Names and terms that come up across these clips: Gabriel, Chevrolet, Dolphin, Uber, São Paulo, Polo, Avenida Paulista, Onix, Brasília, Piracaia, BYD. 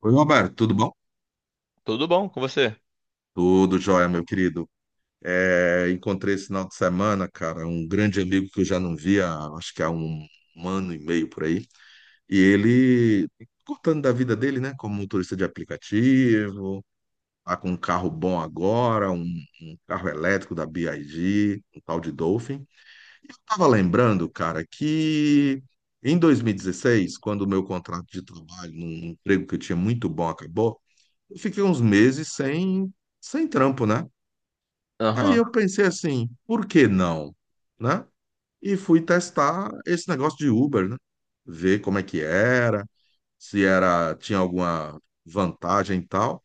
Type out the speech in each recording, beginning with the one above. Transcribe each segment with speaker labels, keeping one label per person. Speaker 1: Oi, Roberto, tudo bom?
Speaker 2: Tudo bom com você?
Speaker 1: Tudo jóia, meu querido. É, encontrei esse final de semana, cara, um grande amigo que eu já não via, acho que há um ano e meio por aí. E ele, contando da vida dele, né, como motorista de aplicativo, tá com um carro bom agora, um carro elétrico da BYD, um tal de Dolphin. E eu tava lembrando, cara, que em 2016, quando o meu contrato de trabalho, num emprego que eu tinha muito bom, acabou. Eu fiquei uns meses sem trampo, né? Aí
Speaker 2: Aham,
Speaker 1: eu pensei assim, por que não? Né? E fui testar esse negócio de Uber, né? Ver como é que era, se era, tinha alguma vantagem e tal.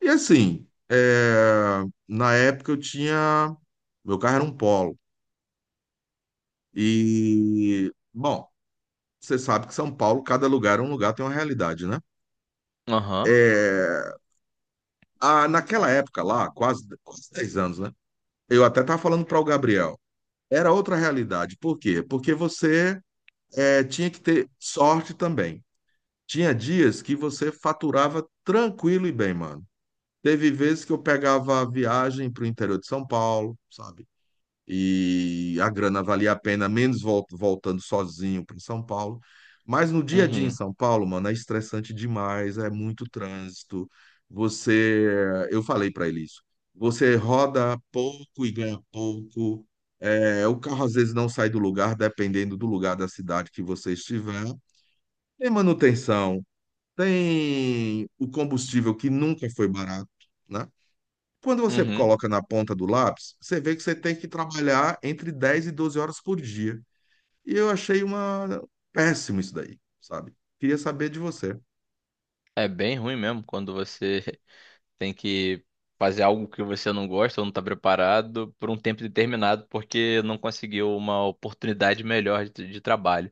Speaker 1: E assim, na época eu tinha, meu carro era um Polo. E, bom, você sabe que São Paulo, cada lugar é um lugar, tem uma realidade, né?
Speaker 2: aham,
Speaker 1: É, naquela época lá, quase, quase 10 anos, né? Eu até estava falando para o Gabriel. Era outra realidade. Por quê? Porque você tinha que ter sorte também. Tinha dias que você faturava tranquilo e bem, mano. Teve vezes que eu pegava a viagem para o interior de São Paulo, sabe? E a grana valia a pena, menos voltando sozinho para São Paulo. Mas no dia a dia em
Speaker 2: uhum,
Speaker 1: São Paulo, mano, é estressante demais, é muito trânsito. Você, eu falei para ele isso. Você roda pouco e ganha pouco. É, o carro às vezes não sai do lugar, dependendo do lugar da cidade que você estiver. Tem manutenção, tem o combustível que nunca foi barato, né? Quando você
Speaker 2: uhum.
Speaker 1: coloca na ponta do lápis, você vê que você tem que trabalhar entre 10 e 12 horas por dia. E eu achei uma péssimo isso daí, sabe? Queria saber de você.
Speaker 2: É bem ruim mesmo quando você tem que fazer algo que você não gosta ou não está preparado por um tempo determinado porque não conseguiu uma oportunidade melhor de trabalho.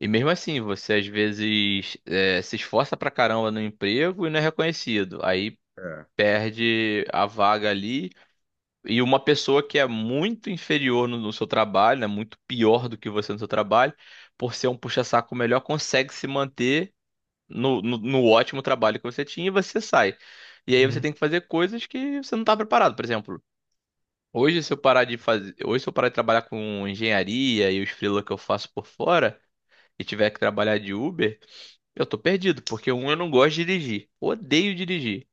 Speaker 2: E mesmo assim, você às vezes é, se esforça pra caramba no emprego e não é reconhecido. Aí
Speaker 1: É.
Speaker 2: perde a vaga ali. E uma pessoa que é muito inferior no seu trabalho, né, muito pior do que você no seu trabalho, por ser um puxa-saco melhor, consegue se manter no ótimo trabalho que você tinha e você sai. E aí você
Speaker 1: Uhum.
Speaker 2: tem que fazer coisas que você não está preparado. Por exemplo, hoje se eu parar de fazer, hoje se eu parar de trabalhar com engenharia e os freela que eu faço por fora e tiver que trabalhar de Uber, eu tô perdido, porque um, eu não gosto de dirigir, odeio dirigir.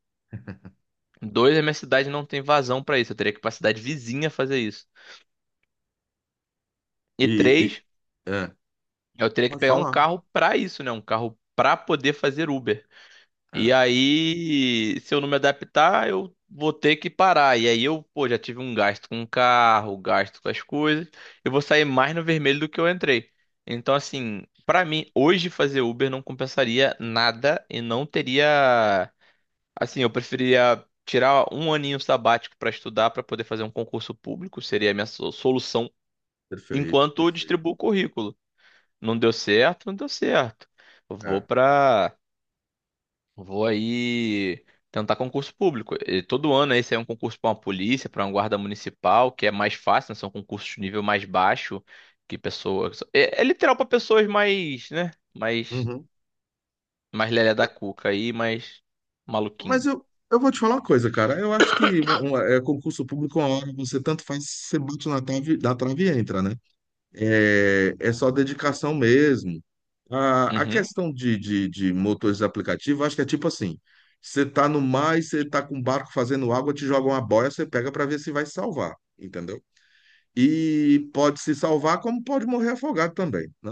Speaker 2: Dois, a minha cidade não tem vazão para isso, eu teria que ir para cidade vizinha fazer isso. E
Speaker 1: E,
Speaker 2: três,
Speaker 1: é,
Speaker 2: eu teria que
Speaker 1: pode
Speaker 2: pegar um
Speaker 1: falar.
Speaker 2: carro pra isso, né? Um carro pra poder fazer Uber. E
Speaker 1: É,
Speaker 2: aí, se eu não me adaptar, eu vou ter que parar. E aí eu, pô, já tive um gasto com o carro, gasto com as coisas. Eu vou sair mais no vermelho do que eu entrei. Então, assim, pra mim, hoje fazer Uber não compensaria nada e não teria. Assim, eu preferiria tirar um aninho sabático pra estudar, pra poder fazer um concurso público, seria a minha solução,
Speaker 1: perfeito,
Speaker 2: enquanto eu
Speaker 1: perfeito.
Speaker 2: distribuo o currículo. Não deu certo, não deu certo. Vou
Speaker 1: É.
Speaker 2: pra. Vou aí tentar concurso público. E todo ano aí sai um concurso para uma polícia, para uma guarda municipal, que é mais fácil, né? São concursos de nível mais baixo que pessoas. É literal para pessoas mais, né? Mais,
Speaker 1: Uhum.
Speaker 2: mais lelé da cuca aí, mais
Speaker 1: Mas
Speaker 2: maluquinho.
Speaker 1: eu vou te falar uma coisa, cara. Eu acho que concurso público, uma hora você tanto faz, você bate na trave e entra, né? É, é só dedicação mesmo. A
Speaker 2: Uhum,
Speaker 1: questão de motores de aplicativo, acho que é tipo assim: você tá no mar e você tá com um barco fazendo água, te joga uma boia, você pega para ver se vai se salvar, entendeu? E pode se salvar, como pode morrer afogado também, né?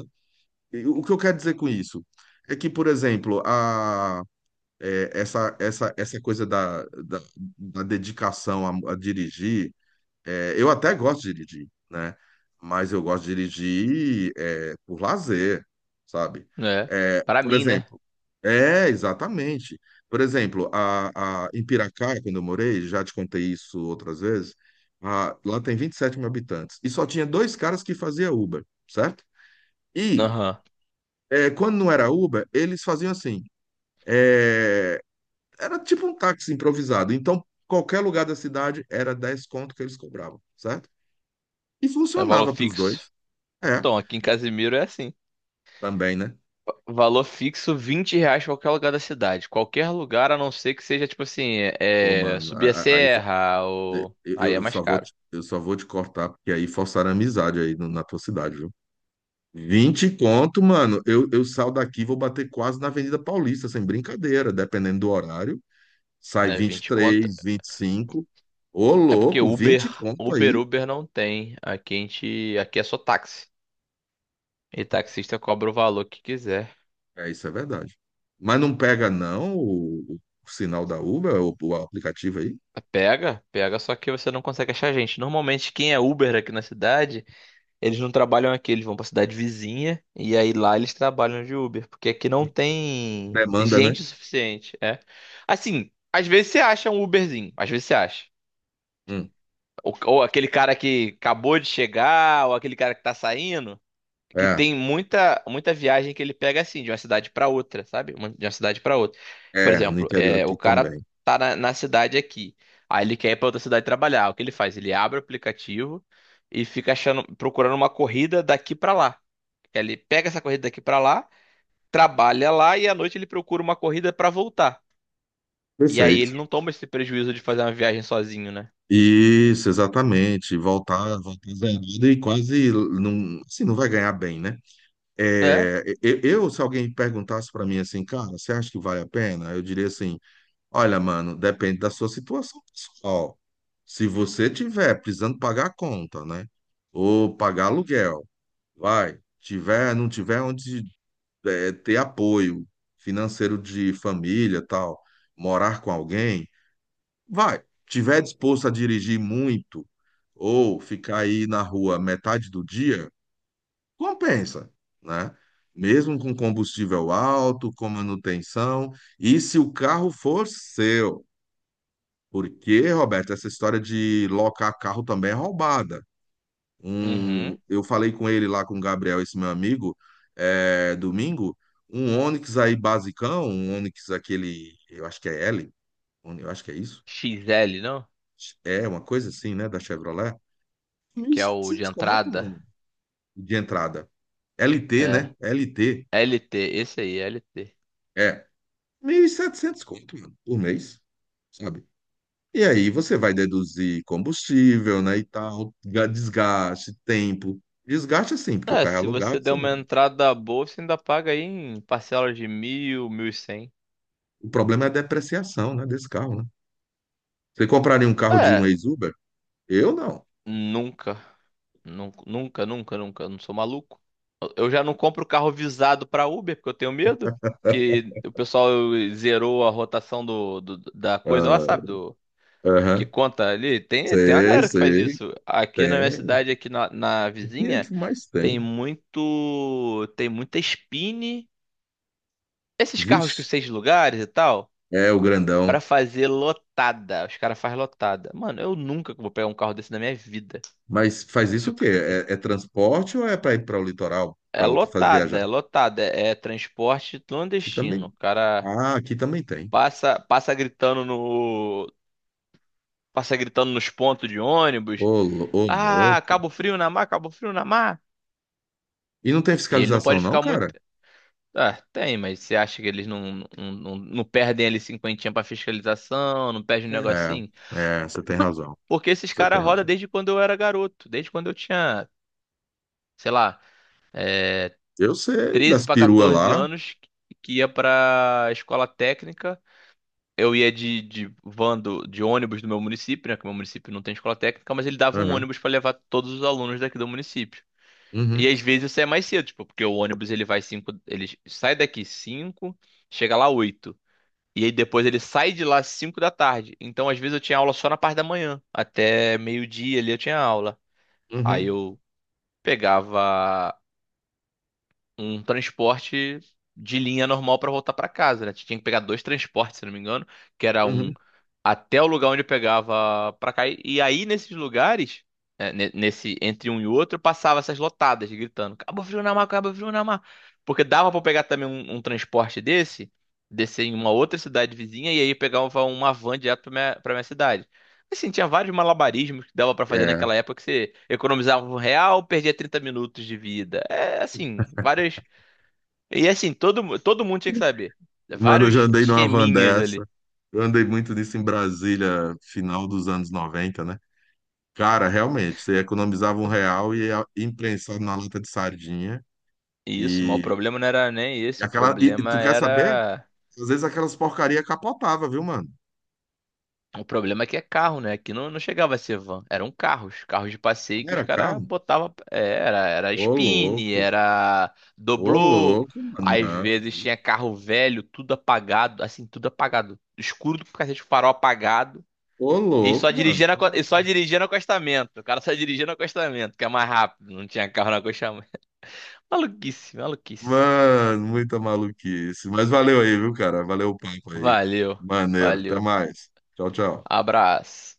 Speaker 1: E o que eu quero dizer com isso é que, por exemplo, a, é, essa coisa da dedicação a dirigir. É, eu até gosto de dirigir, né? Mas eu gosto de dirigir é, por lazer, sabe?
Speaker 2: é.
Speaker 1: É,
Speaker 2: Para
Speaker 1: por
Speaker 2: mim, né?
Speaker 1: exemplo, é, exatamente. Por exemplo, em Piracaia, quando eu morei, já te contei isso outras vezes, lá tem 27 mil habitantes e só tinha dois caras que faziam Uber, certo? E
Speaker 2: Aham.
Speaker 1: quando não era Uber, eles faziam assim, é, era tipo um táxi improvisado. Então, qualquer lugar da cidade era 10 conto que eles cobravam, certo? E
Speaker 2: É valor
Speaker 1: funcionava para os
Speaker 2: fixo.
Speaker 1: dois. É,
Speaker 2: Então, aqui em Casimiro é assim.
Speaker 1: também, né?
Speaker 2: Valor fixo, R$ 20 pra qualquer lugar da cidade. Qualquer lugar, a não ser que seja, tipo assim,
Speaker 1: Pô,
Speaker 2: é, é,
Speaker 1: mano,
Speaker 2: subir a serra ou... Aí é mais caro,
Speaker 1: eu só vou te cortar, porque aí forçaram a amizade aí na tua cidade, viu? 20 conto, mano. Eu saio daqui, vou bater quase na Avenida Paulista, sem brincadeira, dependendo do horário. Sai
Speaker 2: né?
Speaker 1: 20, vinte e
Speaker 2: 20 conta.
Speaker 1: três 25. Ô,
Speaker 2: É porque
Speaker 1: louco,
Speaker 2: Uber,
Speaker 1: 20 conto
Speaker 2: Uber,
Speaker 1: aí.
Speaker 2: Uber não tem. Aqui a gente... Aqui é só táxi. E taxista cobra o valor que quiser.
Speaker 1: É, isso é verdade. Mas não pega, não, o sinal da Uber, o aplicativo aí?
Speaker 2: Pega, pega, só que você não consegue achar gente. Normalmente, quem é Uber aqui na cidade... Eles não trabalham aqui, eles vão pra cidade vizinha e aí lá eles trabalham de Uber, porque aqui não tem
Speaker 1: Demanda, né?
Speaker 2: gente o suficiente, é. Assim, às vezes você acha um Uberzinho, às vezes você acha.
Speaker 1: Hum.
Speaker 2: Ou aquele cara que acabou de chegar, ou aquele cara que tá saindo, que
Speaker 1: É,
Speaker 2: tem muita muita viagem que ele pega assim, de uma cidade pra outra, sabe? De uma cidade pra outra. Por
Speaker 1: é, no
Speaker 2: exemplo,
Speaker 1: interior
Speaker 2: é, o
Speaker 1: aqui
Speaker 2: cara
Speaker 1: também.
Speaker 2: tá na cidade aqui, aí ele quer ir pra outra cidade trabalhar. O que ele faz? Ele abre o aplicativo e fica achando, procurando uma corrida daqui pra lá. Ele pega essa corrida daqui pra lá, trabalha lá e à noite ele procura uma corrida pra voltar. E aí
Speaker 1: Perfeito.
Speaker 2: ele não toma esse prejuízo de fazer uma viagem sozinho, né?
Speaker 1: Isso, exatamente. Voltar, voltar zerado e quase não, assim, não vai ganhar bem, né?
Speaker 2: É?
Speaker 1: É, se alguém perguntasse para mim assim, cara, você acha que vale a pena? Eu diria assim, olha, mano, depende da sua situação pessoal. Se você tiver precisando pagar a conta, né? Ou pagar aluguel, vai. Tiver, não tiver onde ter apoio financeiro de família, tal, morar com alguém, vai. Tiver disposto a dirigir muito ou ficar aí na rua metade do dia, compensa, né? Mesmo com combustível alto, com manutenção, e se o carro for seu. Porque, Roberto, essa história de locar carro também é roubada. Um,
Speaker 2: Uhum.
Speaker 1: eu falei com ele lá, com o Gabriel, esse meu amigo, é, domingo, um Onix aí basicão, um Onix aquele, eu acho que é L, eu acho que é isso.
Speaker 2: XL, não?
Speaker 1: É uma coisa assim, né, da Chevrolet. mil e
Speaker 2: Que é o de
Speaker 1: setecentos conto,
Speaker 2: entrada.
Speaker 1: mano, de entrada. LT,
Speaker 2: É.
Speaker 1: né? LT.
Speaker 2: LT, esse aí, LT.
Speaker 1: É. 1.700 conto, mano, por mês, sabe? E aí você vai deduzir combustível, né, e tal, desgaste, tempo. Desgaste assim, porque o
Speaker 2: É,
Speaker 1: carro é
Speaker 2: se você
Speaker 1: alugado,
Speaker 2: der
Speaker 1: você não.
Speaker 2: uma entrada boa, você ainda paga aí em parcelas de mil, mil e cem.
Speaker 1: O problema é a depreciação, né, desse carro, né? Você compraria um carro de um
Speaker 2: É,
Speaker 1: ex-Uber? Eu não.
Speaker 2: nunca. Nunca, nunca, nunca. Eu não sou maluco. Eu já não compro carro visado para Uber, porque eu tenho medo que o pessoal zerou a rotação da coisa lá,
Speaker 1: Ah,
Speaker 2: sabe? Do, que
Speaker 1: aham.
Speaker 2: conta ali. Tem uma
Speaker 1: Sei,
Speaker 2: galera que faz
Speaker 1: sei.
Speaker 2: isso. Aqui na minha
Speaker 1: Tem.
Speaker 2: cidade, aqui na
Speaker 1: O que é
Speaker 2: vizinha,
Speaker 1: que mais tem?
Speaker 2: tem muito. Tem muita Spin. Esses carros que
Speaker 1: Vixe.
Speaker 2: seis lugares e tal,
Speaker 1: É o grandão,
Speaker 2: para fazer lotada. Os caras fazem lotada. Mano, eu nunca vou pegar um carro desse na minha vida.
Speaker 1: mas faz isso o quê? É, é transporte ou é para ir para o litoral,
Speaker 2: É
Speaker 1: para outro fazer
Speaker 2: lotada,
Speaker 1: viajar?
Speaker 2: é lotada, é transporte
Speaker 1: Aqui
Speaker 2: clandestino. O
Speaker 1: também.
Speaker 2: cara
Speaker 1: Ah, aqui também tem.
Speaker 2: passa, passa gritando no, passa gritando nos pontos de ônibus.
Speaker 1: Ô, ô,
Speaker 2: Ah,
Speaker 1: louco.
Speaker 2: Cabo Frio na mar, Cabo Frio na mar.
Speaker 1: E não tem
Speaker 2: E ele não pode
Speaker 1: fiscalização, não,
Speaker 2: ficar muito.
Speaker 1: cara?
Speaker 2: Ah, tem, mas você acha que eles não perdem ali cinquentinha pra fiscalização, não perdem um negocinho?
Speaker 1: É, é, você tem razão.
Speaker 2: Porque esses
Speaker 1: Você tem
Speaker 2: caras rodam
Speaker 1: razão.
Speaker 2: desde quando eu era garoto, desde quando eu tinha, sei lá,
Speaker 1: Eu sei
Speaker 2: 13
Speaker 1: das
Speaker 2: pra
Speaker 1: peruas
Speaker 2: 14
Speaker 1: lá.
Speaker 2: anos, que ia pra escola técnica eu ia de ônibus do meu município, né? Que meu município não tem escola técnica, mas ele dava um
Speaker 1: Aham.
Speaker 2: ônibus para levar todos os alunos daqui do município. E
Speaker 1: Uhum,
Speaker 2: às vezes isso é mais cedo, tipo, porque o ônibus ele vai cinco, ele sai daqui 5, chega lá 8, e aí depois ele sai de lá 5 da tarde. Então às vezes eu tinha aula só na parte da manhã, até meio-dia ali eu tinha aula. Aí
Speaker 1: uhum,
Speaker 2: eu pegava um transporte de linha normal para voltar para casa, né? Tinha que pegar dois transportes, se não me engano, que era um
Speaker 1: uhum.
Speaker 2: até o lugar onde eu pegava pra cair. E aí, nesses lugares, né, nesse entre um e outro, eu passava essas lotadas gritando: Cabo Frio na mar, Cabo Frio na mar. Porque dava pra pegar também um transporte desse, descer em uma outra cidade vizinha e aí pegava uma van direto pra minha cidade. Assim, tinha vários malabarismos que dava pra fazer
Speaker 1: É.
Speaker 2: naquela época que você economizava um real, perdia 30 minutos de vida. É assim, várias. E assim, todo mundo tinha que saber.
Speaker 1: Mano, eu já
Speaker 2: Vários
Speaker 1: andei numa van
Speaker 2: esqueminhas ali.
Speaker 1: dessa. Eu andei muito nisso em Brasília, final dos anos 90, né? Cara, realmente, você economizava R$ 1 e ia imprensado na lata de sardinha.
Speaker 2: Isso, mas o
Speaker 1: e
Speaker 2: problema não era nem
Speaker 1: E,
Speaker 2: esse, o
Speaker 1: aquela, tu
Speaker 2: problema
Speaker 1: quer saber?
Speaker 2: era.
Speaker 1: Às vezes aquelas porcaria capotava, viu, mano?
Speaker 2: O problema é que é carro, né? Aqui não, não chegava a ser van, eram carros, carros de passeio
Speaker 1: Não
Speaker 2: que os
Speaker 1: era
Speaker 2: caras
Speaker 1: carro?
Speaker 2: botavam. É, era
Speaker 1: Ô,
Speaker 2: spin,
Speaker 1: louco.
Speaker 2: era
Speaker 1: Ô,
Speaker 2: doblô,
Speaker 1: louco, mano.
Speaker 2: às
Speaker 1: Não.
Speaker 2: vezes tinha carro velho, tudo apagado, assim, tudo apagado, escuro do cacete, farol apagado,
Speaker 1: Ô,
Speaker 2: e só
Speaker 1: louco, mano.
Speaker 2: dirigindo, aco- e só dirigia dirigindo acostamento, o cara só dirigia dirigindo acostamento, que é mais rápido, não tinha carro no acostamento. Maluquice, maluquice.
Speaker 1: Mano, muita maluquice. Mas valeu aí, viu, cara? Valeu o papo aí.
Speaker 2: Valeu,
Speaker 1: Maneiro. Até
Speaker 2: valeu,
Speaker 1: mais. Tchau, tchau.
Speaker 2: abraço.